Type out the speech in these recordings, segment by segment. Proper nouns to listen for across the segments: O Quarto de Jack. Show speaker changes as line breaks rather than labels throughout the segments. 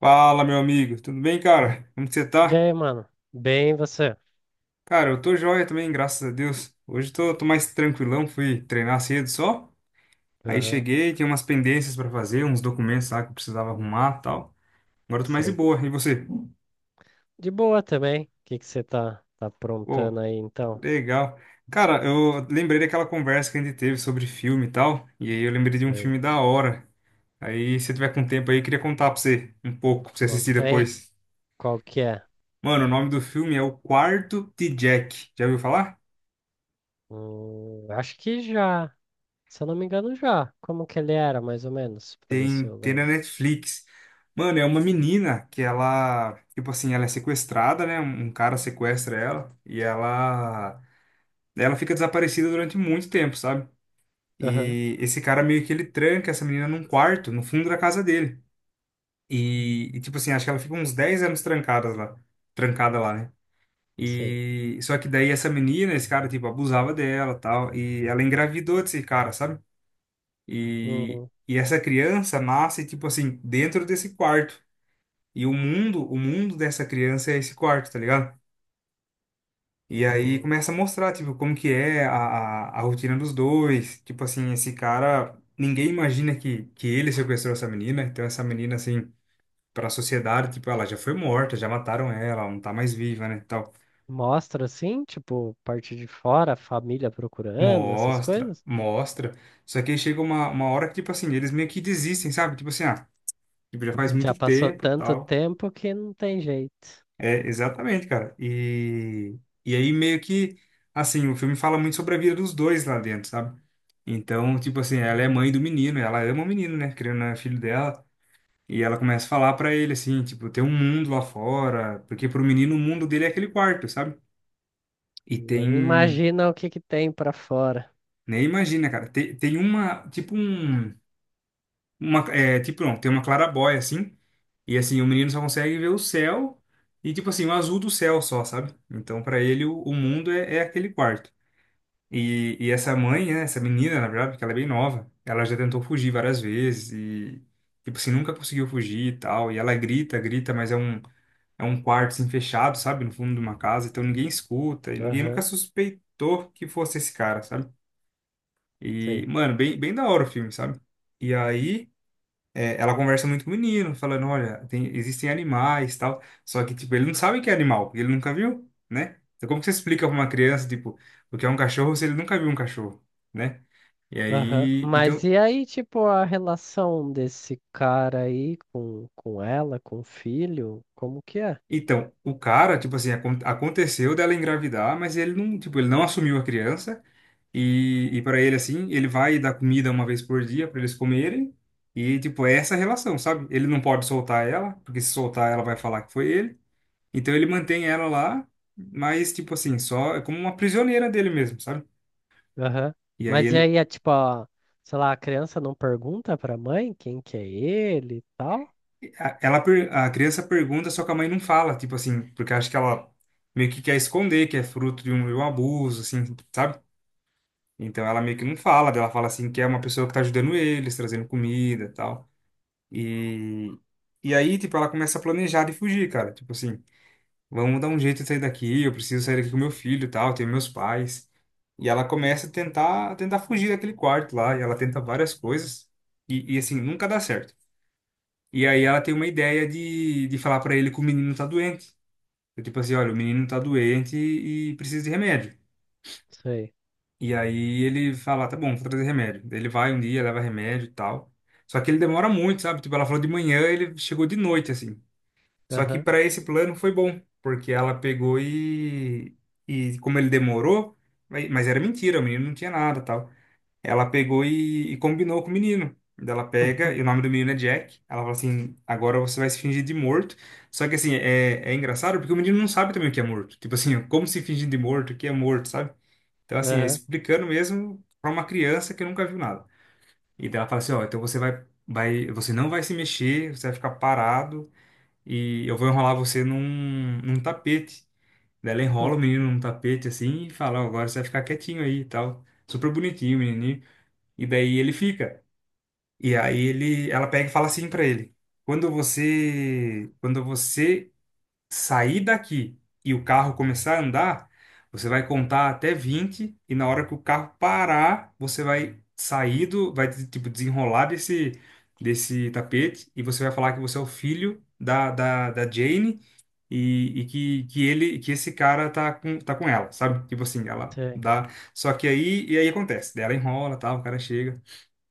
Fala, meu amigo. Tudo bem, cara? Como que você
E
tá?
aí, mano? Bem, você?
Cara, eu tô joia também, graças a Deus. Hoje tô mais tranquilão, fui treinar cedo só. Aí
Aham,
cheguei, tinha umas pendências pra fazer, uns documentos lá que eu precisava arrumar e tal. Agora eu tô mais de
sei.
boa. E você?
De boa também. O que que você tá
Pô,
aprontando aí, então?
legal. Cara, eu lembrei daquela conversa que a gente teve sobre filme e tal. E aí eu lembrei de um
Sei.
filme da hora. Aí, se você tiver com tempo aí, eu queria contar pra você um pouco, pra você assistir
Conta aí.
depois.
Qual que é?
Mano, o nome do filme é O Quarto de Jack. Já ouviu falar?
Acho que já. Se eu não me engano, já. Como que ele era, mais ou menos? Pra ver se
Tem,
eu
tem na
lembro.
Netflix. Mano, é uma menina que ela, tipo assim, ela é sequestrada, né? Um cara sequestra ela e ela fica desaparecida durante muito tempo, sabe?
Aham,
E esse cara meio que ele tranca essa menina num quarto, no fundo da casa dele. E tipo assim, acho que ela fica uns 10 anos trancada lá, né?
sei.
E só que daí essa menina, esse cara tipo abusava dela, tal, e ela engravidou desse cara, sabe? E
Hum,
e essa criança nasce, tipo assim, dentro desse quarto. E o mundo dessa criança é esse quarto, tá ligado? E aí
hum.
começa a mostrar, tipo, como que é a rotina dos dois. Tipo assim, esse cara, ninguém imagina que ele sequestrou essa menina. Então essa menina, assim, pra sociedade, tipo, ela já foi morta, já mataram ela, ela não tá mais viva, né, e tal.
Mostra, assim, tipo, parte de fora, a família procurando, essas
Mostra,
coisas?
mostra. Só que aí chega uma hora que, tipo assim, eles meio que desistem, sabe? Tipo assim, ah, tipo, já faz
Já
muito
passou
tempo,
tanto
tal.
tempo que não tem jeito.
É, exatamente, cara. E aí meio que, assim, o filme fala muito sobre a vida dos dois lá dentro, sabe? Então, tipo assim, ela é mãe do menino, ela ama o menino, né? Querendo ou não, é filho dela. E ela começa a falar pra ele, assim, tipo, tem um mundo lá fora, porque pro menino o mundo dele é aquele quarto, sabe? E tem,
Nem imagina o que que tem pra fora.
nem imagina, cara, tem uma, tipo um, uma, é, tipo, não, tem uma clarabóia, assim, e assim, o menino só consegue ver o céu e, tipo assim, o azul do céu só, sabe? Então, pra ele, o mundo é, é aquele quarto. E essa mãe, né, essa menina, na verdade, porque ela é bem nova, ela já tentou fugir várias vezes e, tipo assim, nunca conseguiu fugir e tal. E ela grita, grita, mas é um, quarto, assim, fechado, sabe? No fundo de uma casa, então ninguém escuta e ninguém nunca
Aham,
suspeitou que fosse esse cara, sabe? E,
sei.
mano, bem, bem da hora o filme, sabe? E aí ela conversa muito com o menino, falando, olha, existem animais, tal. Só que, tipo, ele não sabe que é animal, porque ele nunca viu, né? Então, como que você explica pra uma criança, tipo, o que é um cachorro se ele nunca viu um cachorro, né? E
Aham.
aí,
Mas
então,
e aí, tipo, a relação desse cara aí com ela, com o filho, como que é?
então, o cara, tipo assim, aconteceu dela engravidar, mas ele não, tipo, ele não assumiu a criança. E para ele, assim, ele vai dar comida uma vez por dia para eles comerem. E, tipo, é essa a relação, sabe? Ele não pode soltar ela, porque se soltar ela vai falar que foi ele. Então ele mantém ela lá, mas tipo assim, só é como uma prisioneira dele mesmo, sabe?
Aham.
E aí
Mas e
ele
aí, é tipo, a- sei lá, a criança não pergunta pra mãe quem que é ele e tal?
a criança pergunta, só que a mãe não fala, tipo assim, porque acha que ela meio que quer esconder que é fruto de um, abuso, assim, sabe? Então ela meio que não fala, daí ela fala assim que é uma pessoa que tá ajudando eles, trazendo comida, e tal. E e aí, tipo, ela começa a planejar de fugir, cara, tipo assim, vamos dar um jeito de sair daqui, eu preciso sair daqui com meu filho, e tal, tenho meus pais. E ela começa a tentar, fugir daquele quarto lá, e ela tenta várias coisas, e assim, nunca dá certo. E aí ela tem uma ideia de falar pra ele que o menino tá doente. É tipo assim, olha, o menino tá doente e precisa de remédio.
Sei.
E aí ele fala, tá bom, vou trazer remédio. Daí ele vai um dia, leva remédio e tal. Só que ele demora muito, sabe? Tipo, ela falou de manhã, ele chegou de noite, assim. Só que
Aham.
pra esse plano foi bom, porque ela pegou e como ele demorou, mas era mentira, o menino não tinha nada, tal. Ela pegou e combinou com o menino. Daí ela pega, e o nome do menino é Jack. Ela fala assim: agora você vai se fingir de morto. Só que assim, é, é engraçado porque o menino não sabe também o que é morto. Tipo assim, como se fingir de morto, o que é morto, sabe? Então, assim, é
Aham.
explicando mesmo pra uma criança que nunca viu nada. E daí ela fala assim: ó, então você vai, você não vai se mexer, você vai ficar parado e eu vou enrolar você num, tapete. Daí ela enrola
Hum.
o menino num tapete assim e fala: ó, agora você vai ficar quietinho aí e tal. Super bonitinho, o menininho. E daí ele fica. E aí ele, ela pega e fala assim pra ele: "Quando você sair daqui e o carro começar a andar, você vai contar até 20 e na hora que o carro parar, você vai sair do, vai tipo desenrolar desse tapete e você vai falar que você é o filho da Jane e que ele que esse cara tá com ela, sabe? Tipo assim, ela
Sei.
dá. Só que aí acontece, daí ela enrola, tal, o cara chega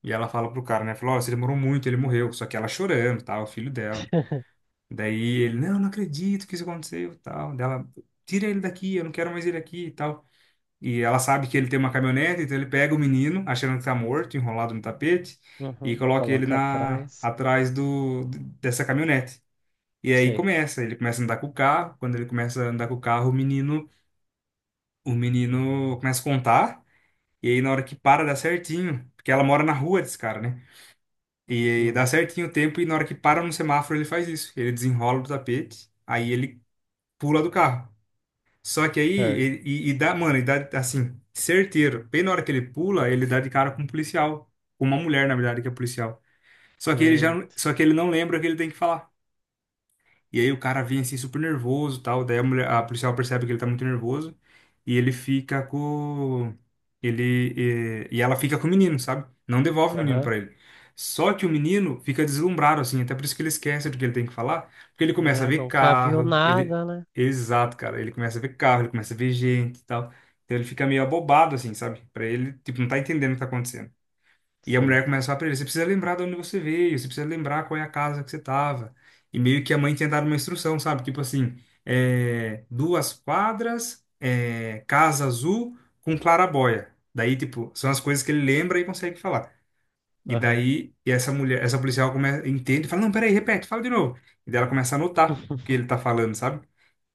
e ela fala pro cara, né? Falou, ó, você demorou muito, ele morreu. Só que ela chorando, tal, o filho dela. Daí ele, não, não acredito que isso aconteceu, tal. Dela, tira ele daqui, eu não quero mais ele aqui, e tal. E ela sabe que ele tem uma caminhonete, então ele pega o menino, achando que tá morto, enrolado no tapete, e
Uhum.
coloca ele
Coloca
na
atrás.
atrás do dessa caminhonete. E aí
Sei.
começa, ele começa a andar com o carro. Quando ele começa a andar com o carro, o menino começa a contar. E aí na hora que para dá certinho, porque ela mora na rua desse cara, né? E dá
Uhum.
certinho o tempo e na hora que para no semáforo ele faz isso. Ele desenrola do tapete, aí ele pula do carro. Só que aí,
Sir.
e dá, mano, e dá assim, certeiro. Bem na hora que ele pula, ele dá de cara com um policial. Com uma mulher, na verdade, que é policial. Só que ele já, não-
Eita.
só que ele não lembra o que ele tem que falar. E aí o cara vem assim super nervoso, e tal, daí a mulher, a policial percebe que ele tá muito nervoso e ele fica com ele e ela fica com o menino, sabe? Não devolve o menino
Aham.
pra ele. Só que o menino fica deslumbrado assim, até por isso que ele esquece do que ele tem que falar, porque ele
Não
começa a
é,
ver
nunca viu
carro, ele
nada, né?
exato, cara, ele começa a ver carro, ele começa a ver gente, e tal. Então ele fica meio abobado assim, sabe? Pra ele, tipo, não tá entendendo o que tá acontecendo. E a
Sei.
mulher começa a falar pra ele, você precisa lembrar de onde você veio, você precisa lembrar qual é a casa que você tava. E meio que a mãe tinha dado uma instrução, sabe? Tipo assim, é, 2 quadras, é, casa azul com claraboia. Daí, tipo, são as coisas que ele lembra e consegue falar. E
Aham.
daí, e essa mulher, essa policial começa, entende e fala, não, peraí, repete, fala de novo. E daí ela começa a anotar o que ele tá falando, sabe?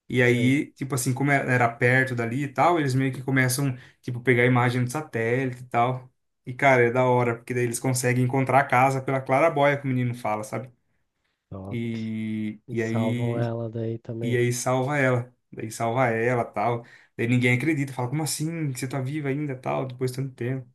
E
Sei.
aí, tipo assim, como é, era perto dali e tal, eles meio que começam, tipo, pegar a imagem do satélite e tal. E, cara, é da hora, porque daí eles conseguem encontrar a casa pela claraboia que o menino fala, sabe? E,
E
e
salvam
aí,
ela daí também.
salva ela. Daí salva ela, tal. Daí ninguém acredita, fala, como assim? Você tá viva ainda, tal, depois de tanto tempo.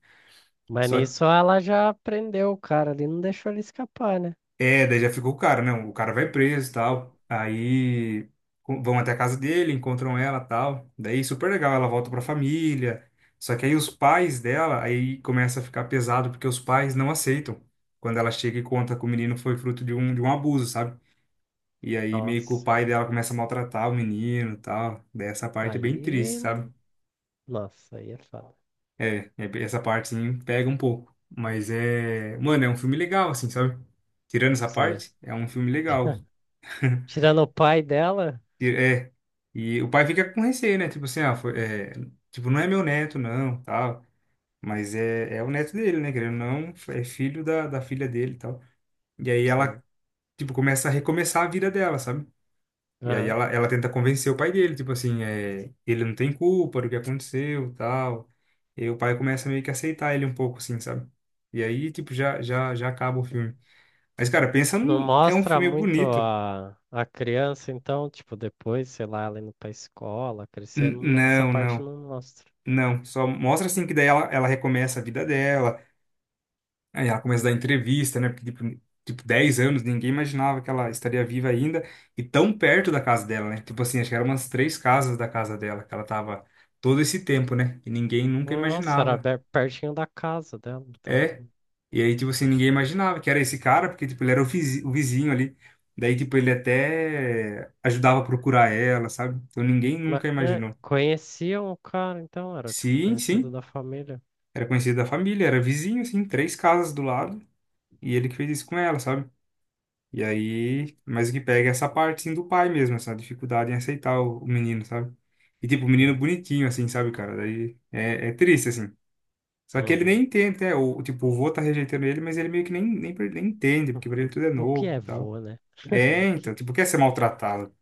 Mas
Só
nisso ela já prendeu o cara ali, não deixou ele escapar, né?
É, daí já ficou o cara, né? O cara vai preso e tal. Aí vão até a casa dele, encontram ela e tal. Daí super legal, ela volta pra família. Só que aí os pais dela, aí começa a ficar pesado porque os pais não aceitam. Quando ela chega e conta que o menino foi fruto de um abuso, sabe? E aí meio que o
Nossa,
pai dela começa a maltratar o menino e tal. Daí essa parte é bem
aí.
triste, sabe?
Nossa, aí é foda.
Essa parte sim pega um pouco. Mas é. Mano, é um filme legal, assim, sabe? Tirando essa
Sei.
parte, é um filme legal.
Tirando o pai dela,
É. E o pai fica com receio, né? Tipo assim, ah, foi, é, tipo, não é meu neto, não, tal. Mas é, é o neto dele, né? Querendo ou não, é filho da, da filha dele e tal. E aí
sim.
ela, tipo, começa a recomeçar a vida dela, sabe? E aí
Aham.
ela tenta convencer o pai dele, tipo assim, é, ele não tem culpa do que aconteceu, tal. E aí o pai começa meio que a aceitar ele um pouco, assim, sabe? E aí, tipo, já acaba o filme. Mas, cara, pensa
Não
num... É um
mostra
filme
muito
bonito.
a criança, então, tipo, depois, sei lá, ela indo pra escola, crescendo, essa
Não,
parte
não.
não mostra.
Não, só mostra assim que daí ela, ela recomeça a vida dela, aí ela começa a dar entrevista, né? Porque, tipo, 10 anos, ninguém imaginava que ela estaria viva ainda e tão perto da casa dela, né? Tipo assim, acho que eram umas três casas da casa dela que ela tava todo esse tempo, né? E ninguém nunca
Nossa, era
imaginava.
be- pertinho da casa dela, então.
É.
Tá.
E aí, tipo assim, ninguém imaginava que era esse cara, porque, tipo, ele era o o vizinho ali. Daí, tipo, ele até ajudava a procurar ela, sabe? Então ninguém
Mas,
nunca
é,
imaginou.
conheciam o cara, então, era, tipo,
Sim,
conhecido
sim.
da família.
Era conhecido da família, era vizinho, assim, três casas do lado. E ele que fez isso com ela, sabe? E aí, mas o que pega é essa parte, assim, do pai mesmo, essa dificuldade em aceitar o menino, sabe? E, tipo, o menino
Sei.
bonitinho, assim, sabe, cara? Daí é, é triste, assim. Só que ele nem
Uhum.
entende, né? O, tipo, o vô tá rejeitando ele, mas ele meio que nem entende, porque pra ele
Uhum.
tudo é
O que
novo
é
e tal.
vô, né?
É,
O que
então, tipo, quer ser maltratado.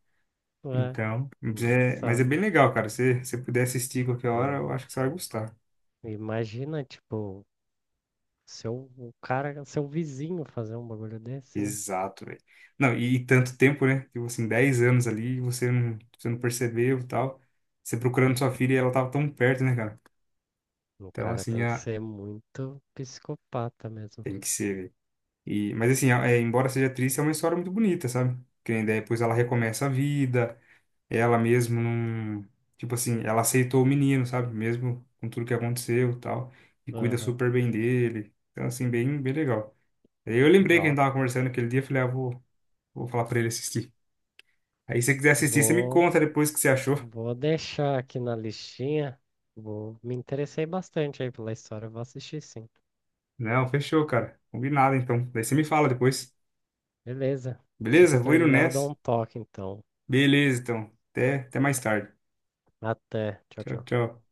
é,
Então,
né,
mas é
sabe?
bem legal, cara. Se você puder assistir qualquer hora, eu
Uhum.
acho que você vai gostar.
Imagina, tipo, seu, o cara, seu vizinho fazer um bagulho desse, né?
Exato, velho. Não, e tanto tempo, né? Tipo assim, 10 anos ali, e você não percebeu e tal. Você procurando sua filha e ela tava tão perto, né, cara?
O
Então,
cara
assim,
tem que
a,
ser muito psicopata mesmo.
tem que ser, velho. E, mas assim, é, embora seja triste, é uma história muito bonita, sabe? Que nem daí depois ela recomeça a vida, ela mesmo não. Tipo assim, ela aceitou o menino, sabe? Mesmo com tudo que aconteceu e tal. E cuida
Aham,
super bem dele. Então, assim, bem, bem legal. Aí eu lembrei que a gente
legal.
tava conversando aquele dia, eu falei, ah, vou falar pra ele assistir. Aí se você quiser assistir, você me
Vou,
conta depois o que você achou.
vou deixar aqui na listinha. Vou, me interessei bastante aí pela história, vou assistir sim.
Não, fechou, cara. Combinado, então. Daí você me fala depois.
Beleza. Assim que eu
Beleza? Vou indo
terminar, eu
nessa.
dou um toque, então.
Beleza, então. Até mais tarde.
Até. Tchau,
Tchau,
tchau.
tchau.